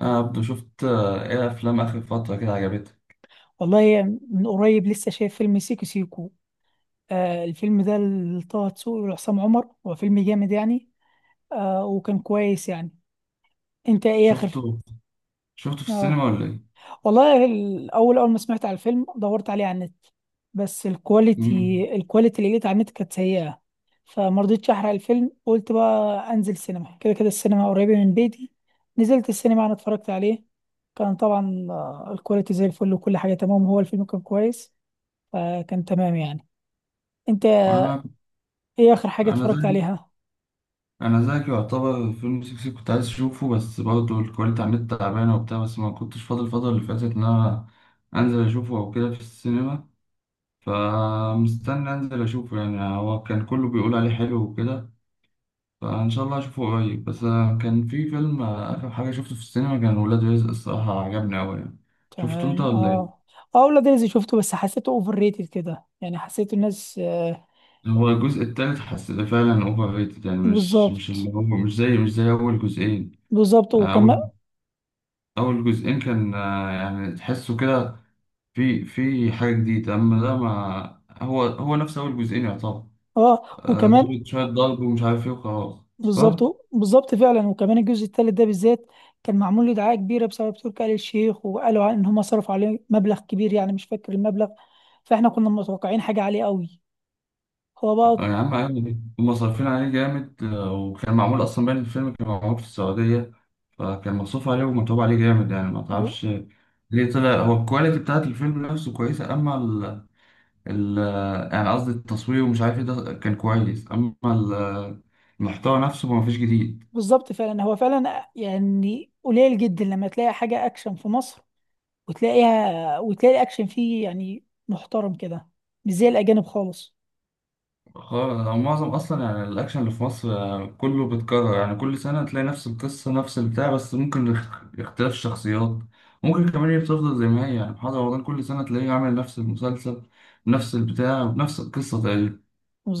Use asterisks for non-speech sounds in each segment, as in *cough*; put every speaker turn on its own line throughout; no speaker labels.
انا عبدو، شفت ايه افلام اخر فتره كده عجبتك؟
والله، من قريب لسه شايف فيلم سيكو سيكو. آه الفيلم ده لطه دسوقي وعصام عمر، هو فيلم جامد يعني. آه وكان كويس يعني. انت ايه اخر؟
شفته، شفته في السينما
اه
ولا ايه؟
والله الاول، اول ما سمعت على الفيلم دورت عليه على النت، بس الكواليتي
مم.
الكواليتي اللي لقيت على النت كانت سيئة. فما رضيتش احرق الفيلم، قلت بقى انزل سينما، كده كده السينما قريبة من بيتي. نزلت السينما انا اتفرجت عليه. كان طبعا الكواليتي زي الفل وكل حاجة تمام، هو الفيلم كان كويس. فكان تمام يعني. انت
وانا،
ايه اخر حاجه
انا
اتفرجت
زيك،
عليها؟
انا زيك يعتبر فيلم سيكو سيكو، كنت عايز اشوفه، بس برضه الكواليتي على النت تعبانه وبتاع، بس ما كنتش فاضي الفتره اللي فاتت، ان انا انزل اشوفه او كده في السينما. فمستني انزل اشوفه، يعني هو كان كله بيقول عليه حلو وكده. فان شاء الله اشوفه قريب. بس كان في فيلم اخر حاجه شفته في السينما، كان ولاد رزق، الصراحه عجبني قوي يعني. شفته
تمام
انت ولا إيه؟
اه. اه ولاد رزق شفته بس حسيته اوفر ريتد كده يعني، حسيت الناس آه.
هو الجزء التالت حسيته فعلا اوفر ريتد، يعني مش اللي
بالظبط،
هو مش زي اول جزئين.
بالظبط وكمان.
اول اول جزئين كان، يعني تحسه كده، في حاجه جديده. اما ده، ما هو هو نفس اول جزئين يعتبر.
اه وكمان.
ضربة، شويه ضرب ومش عارف ايه وخلاص، صح.
بالظبط فعلا وكمان الجزء الثالث ده بالذات كان معمول له دعايه كبيره بسبب تركي آل الشيخ، وقالوا ان هم صرفوا عليه مبلغ كبير، يعني مش فاكر المبلغ. فاحنا كنا متوقعين حاجه عاليه قوي. هو بقى
يا عم عادي ليه؟ هما صارفين عليه جامد، وكان معمول اصلا، باين الفيلم كان معمول في السعوديه، فكان مصروف عليه ومتعوب عليه جامد، يعني ما
ب-
تعرفش ليه طلع. هو الكواليتي بتاعت الفيلم نفسه كويسه، اما ال يعني قصدي التصوير ومش عارف ايه، ده كان كويس، اما المحتوى نفسه ما فيش جديد.
بالظبط فعلا. هو فعلا يعني قليل جدا لما تلاقي حاجه اكشن في مصر، وتلاقيها وتلاقي الاكشن فيه يعني محترم كده، مش زي الاجانب خالص.
خالص. هو معظم اصلا يعني الاكشن اللي في مصر كله بيتكرر، يعني كل سنه تلاقي نفس القصه نفس البتاع، بس ممكن اختلاف الشخصيات. ممكن كمان هي بتفضل زي ما هي، يعني محمد رمضان كل سنه تلاقيه عامل نفس المسلسل، نفس البتاع، نفس القصه تقريبا.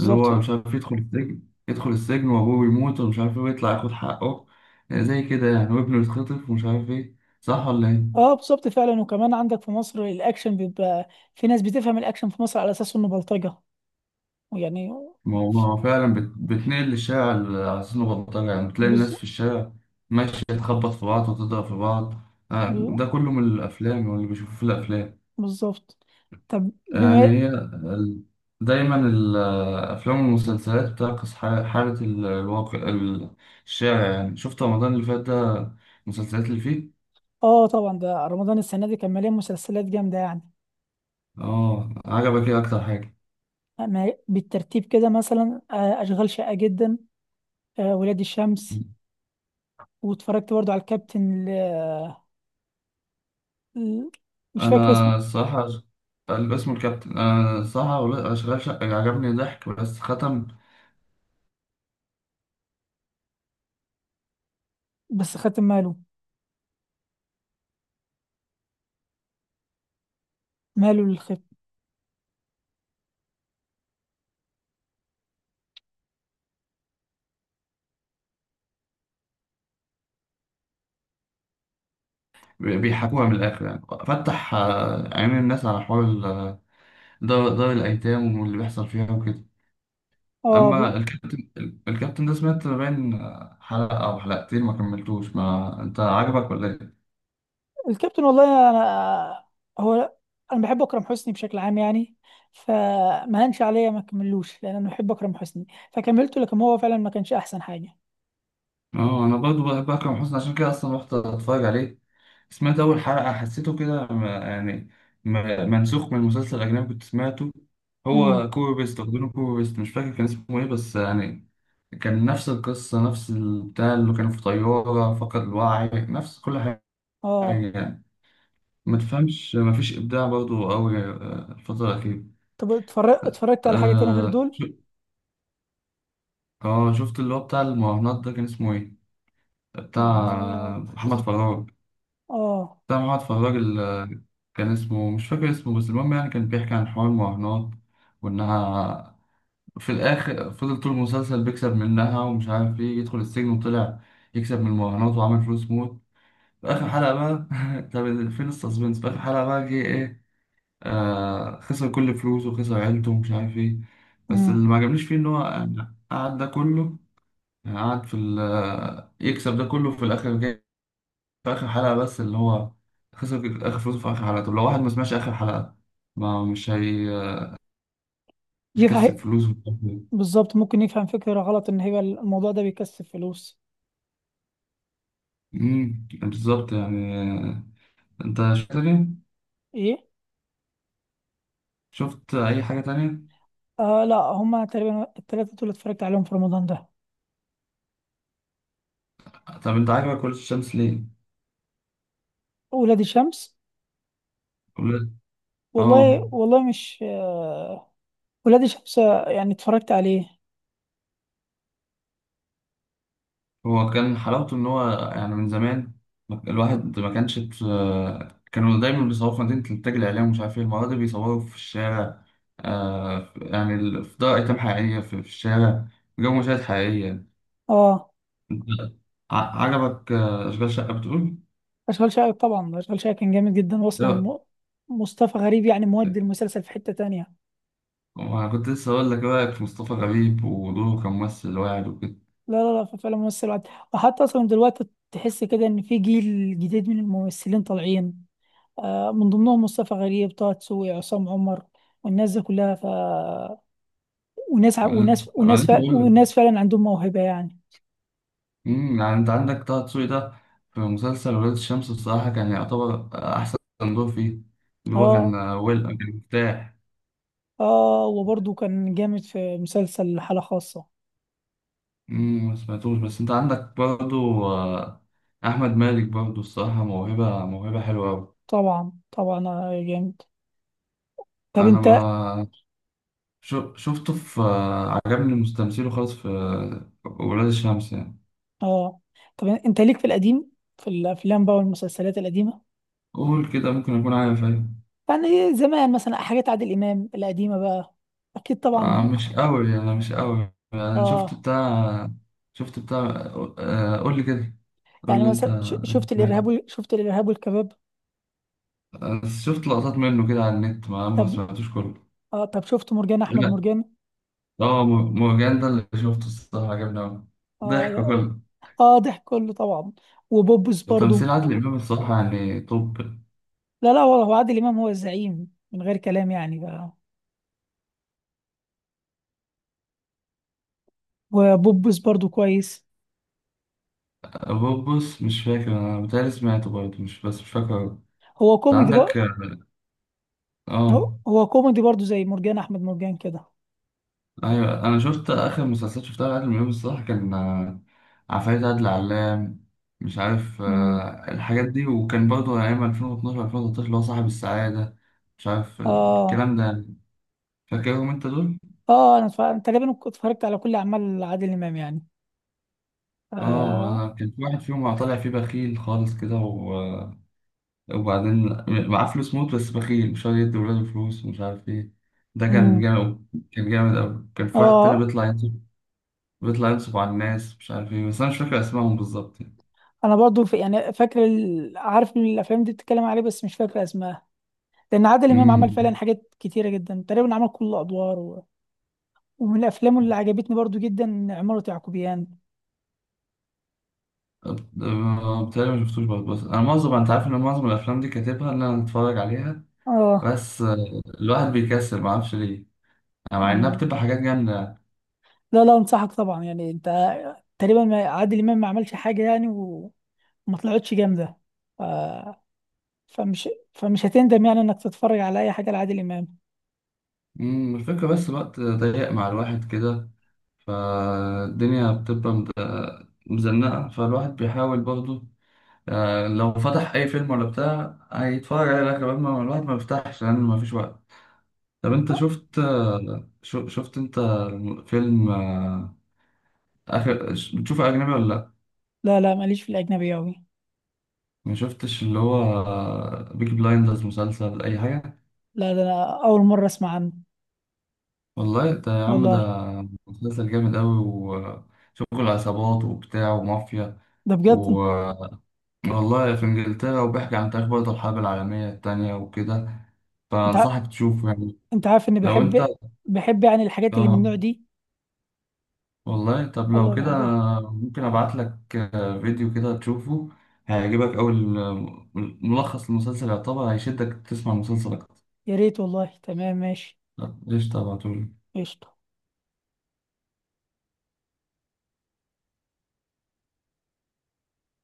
اللي هو مش عارف، يدخل السجن، يدخل السجن وابوه بيموت ومش عارف ايه، ويطلع ياخد حقه. زي كده يعني، وابنه يتخطف ومش عارف ايه، صح ولا ايه؟
اه بالظبط فعلا، وكمان عندك في مصر الاكشن بيبقى في ناس بتفهم الاكشن في مصر على اساس انه بلطجة، ويعني
ما هو فعلا بتنقل الشارع على أساس بلطجة، يعني بتلاقي
بز-
الناس في الشارع ماشية تخبط في بعض وتضرب في بعض.
ب-
ده كله من الأفلام، واللي بيشوفوه في الأفلام.
بالظبط. طب
يعني
بما.
دايما الأفلام والمسلسلات بتعكس حالة الواقع، الشارع، يعني شفت رمضان اللي فات ده، المسلسلات اللي فيه.
اه طبعا ده رمضان السنه دي كان مليان مسلسلات جامده يعني.
اه، عجبك ايه أكتر حاجة؟
بالترتيب كده مثلا اشغال شاقه جدا، ولاد الشمس، واتفرجت برضو على الكابتن ال- مش فاكر اسمه.
أنا الصراحة الاسم الكابتن. أنا الصراحة أشغال شقة عجبني، ضحك بس ختم،
بس خدت ماله، ماله للخيب.
بيحكوها من الآخر يعني، فتح عينين الناس على حوار دار الأيتام، واللي بيحصل فيها وكده.
اه بز-
أما الكابتن، الكابتن ده سمعت باين حلقة أو حلقتين ما كملتوش. ما أنت عجبك ولا إيه؟
الكابتن والله انا، هو انا بحب اكرم حسني بشكل عام يعني، فما هنش عليا ما كملوش، لان انا بحب اكرم حسني فكملته، لكن هو فعلا ما كانش احسن حاجه.
اه، انا برضو بحب اكرم حسني، عشان كده اصلا رحت اتفرج عليه، سمعت اول حلقه حسيته كده، يعني منسوخ من مسلسل اجنبي كنت سمعته.
امم.
هو كوري، بيست واخدينه، كوري بيست مش فاكر كان اسمه ايه، بس يعني كان نفس القصه، نفس البتاع، اللي كانوا في طياره فقد الوعي، نفس كل حاجه،
اه
يعني ما تفهمش، ما فيش ابداع برضو قوي الفتره الاخيره.
طب اتفرجت على حاجه تانية غير
اه،
دول؟
شفت اللي هو بتاع المراهنات ده، كان اسمه ايه؟ بتاع
رهانات.
محمد فراج،
اه.
سامع واحد فراج كان اسمه، مش فاكر اسمه، بس المهم يعني، كان بيحكي عن حوار المراهنات وإنها، في الآخر فضل طول المسلسل بيكسب منها ومش عارف إيه، يدخل السجن وطلع يكسب من المراهنات وعمل فلوس موت في آخر حلقة بقى. *laughs* طب فين السسبنس؟ في آخر حلقة بقى جه إيه؟ آه، خسر كل فلوسه وخسر عيلته ومش عارف إيه. بس اللي
امم.
ما عجبنيش فيه إن هو قعد ده كله، يعني قعد يكسب ده كله في الآخر، في آخر حلقة. بس اللي هو خسر آخر فلوسه في آخر حلقة. طب لو واحد ما سمعش آخر حلقة، ما مش هي مش
يفهم.
هيكسب فلوس.
بالظبط، ممكن يفهم فكره غلط ان هي الموضوع ده بيكسب فلوس.
بالظبط يعني. انت شفت تاني؟
ايه.
شفت اي حاجة تانية؟
آه لا، هما تقريبا التلاتة دول اتفرجت عليهم في رمضان ده.
طب انت عاجبك ولاد الشمس ليه؟
ولاد الشمس.
ولاد اه.
والله والله مش آه، ولاد شمسة يعني اتفرجت عليه.
هو كان حلاوته ان هو، يعني من زمان الواحد ما كانش، كانوا دايما بيصوروا في مدينة الإنتاج الإعلامي ومش عارف إيه، المرة دي بيصوروا في الشارع. يعني في دار أيتام حقيقية، في الشارع، جو مشاهد حقيقية.
اه.
عجبك أشغال شقة بتقول؟
اشغال شقة، طبعا اشغال شقة كان جامد جدا، واصلا
لا.
مصطفى غريب يعني مودي المسلسل في حتة تانية.
وأنا كنت لسه أقول لك إيه رأيك في مصطفى غريب ودوره كممثل واعد وكده.
لا لا لا، فعلا ممثل عاد. وحتى اصلا دلوقتي تحس كده ان في جيل جديد من الممثلين طالعين، آه من ضمنهم مصطفى غريب، طه دسوقي، عصام عمر، والناس دي كلها ف،
أنا
وناس
أنا
وناس
لسه بقول
وناس
لك.
فعلا عندهم موهبة يعني.
يعني أنت عندك طه دسوقي ده، في مسلسل ولاد الشمس بصراحة كان يعتبر أحسن دور فيه، اللي هو كان
اه.
ويل، كان مرتاح.
اه وبرضه كان جامد في مسلسل حالة خاصة.
ما سمعتوش، بس أنت عندك برضو أحمد مالك برضو، الصراحة موهبة، موهبة حلوة أوي.
طبعا طبعا آه، جامد. طب
أنا
انت.
ما شو- شفته في عجبني مستمثله خالص في ولاد الشمس يعني.
اه طب انت ليك في القديم، في الافلام بقى والمسلسلات القديمه؟
قول كده، ممكن أكون عارف، أيوة.
يعني زمان مثلا حاجات عادل امام القديمه بقى. اكيد
آه،
طبعا.
مش أوي، أنا مش أوي، أنا شفت
اه
بتاع، شفت بتاع، آه قول لي كده. قول
يعني
لي أنت،
مثلا شفت شفت الارهاب والكباب؟
شفت لقطات منه كده على النت، ما
طب
سمعتوش كله.
اه، طب شفت مرجان احمد
لا.
مرجان؟
اه مرجان ده اللي شفته الصراحة عجبني أوي،
اه
ضحك
يا-.
كله.
اه ضحك كله طبعا، وبوبس برضو.
وتمثيل عادل إمام الصراحة يعني، طب
لا لا والله، هو عادل امام هو الزعيم من غير كلام يعني بقى. وبوبس برضو كويس،
بص مش فاكر، أنا بتهيألي سمعته برضه، مش، بس مش فاكر.
هو
أنت
كوميدي
عندك
بقى.
اه،
هو
آه.
هو كوميدي برضو زي مرجان احمد مرجان كده.
ايوه، انا شفت اخر مسلسلات شفتها لعادل امام الصراحه، كان عفاريت عادل علام، مش عارف
مم.
الحاجات دي، وكان برضه ايام 2012 2013، اللي هو صاحب السعاده، مش عارف
اه.
الكلام ده يعني. فاكرهم انت دول؟
اه انا تقريبا اتفرجت على كل اعمال عادل امام يعني.
اه،
اه.
أنا كان في واحد فيهم طالع فيه بخيل خالص كده وبعدين معاه فلوس موت، بس بخيل مش راضي يدي ولاده فلوس ومش عارف ايه، ده كان
امم.
جامد، كان جامد أوي. كان في واحد تاني
اه
بيطلع ينصب، بيطلع ينصب على الناس مش عارف ايه، بس انا مش فاكر اسمائهم بالظبط يعني.
انا برضو في يعني فاكر عارف الافلام دي بتتكلم عليه، بس مش فاكر اسمها، لان عادل امام عمل فعلا
امم.
حاجات كتيره جدا، تقريبا عمل كل الادوار و... ومن افلامه اللي عجبتني برضو جدا عمارة يعقوبيان.
بتهيألي ما شفتوش برضه، بس انا معظم، انت عارف ان معظم الافلام دي كاتبها ان انا اتفرج عليها،
اه.
بس الواحد بيكسل ما اعرفش ليه، يعني مع انها
امم.
بتبقى حاجات جامده يعني.
لا لا، انصحك طبعا يعني. انت تقريبا عادل امام ما عملش حاجه يعني وما طلعتش جامده آه. فمش هتندم يعني انك تتفرج على اي حاجه لعادل امام.
الفكره بس، الوقت ضيق مع الواحد كده، فالدنيا بتبقى مزنقه، فالواحد بيحاول برضه، لو فتح اي فيلم ولا بتاع هيتفرج عليه لغايه ما، الواحد ما بيفتحش لان ما فيش وقت. طب انت
آه،
شفت شفت انت فيلم اخر بتشوف اجنبي ولا؟
لا لا ماليش في الاجنبي قوي.
ما شفتش اللي هو بيك بلايندرز، مسلسل أي حاجة؟
لا ده انا اول مره اسمع عنه.
والله ده يا عم،
والله
ده مسلسل جامد أوي، وشغل عصابات وبتاع ومافيا
ده بجد.
و... والله في إنجلترا، وبيحكي عن تاريخ برضه الحرب العالمية التانية وكده،
انت ع-
فأنصحك تشوفه يعني.
انت عارف اني
لو أنت
بحب، بحب يعني الحاجات اللي من
آه
النوع دي.
والله، طب لو
والله
كده
بحبها.
ممكن أبعت لك فيديو كده تشوفه، هيعجبك أوي ملخص المسلسل يعتبر، هيشدك تسمع المسلسل أكتر.
يا ريت والله، تمام ماشي.
لا، قشطة، أبعتهولك.
قشطه.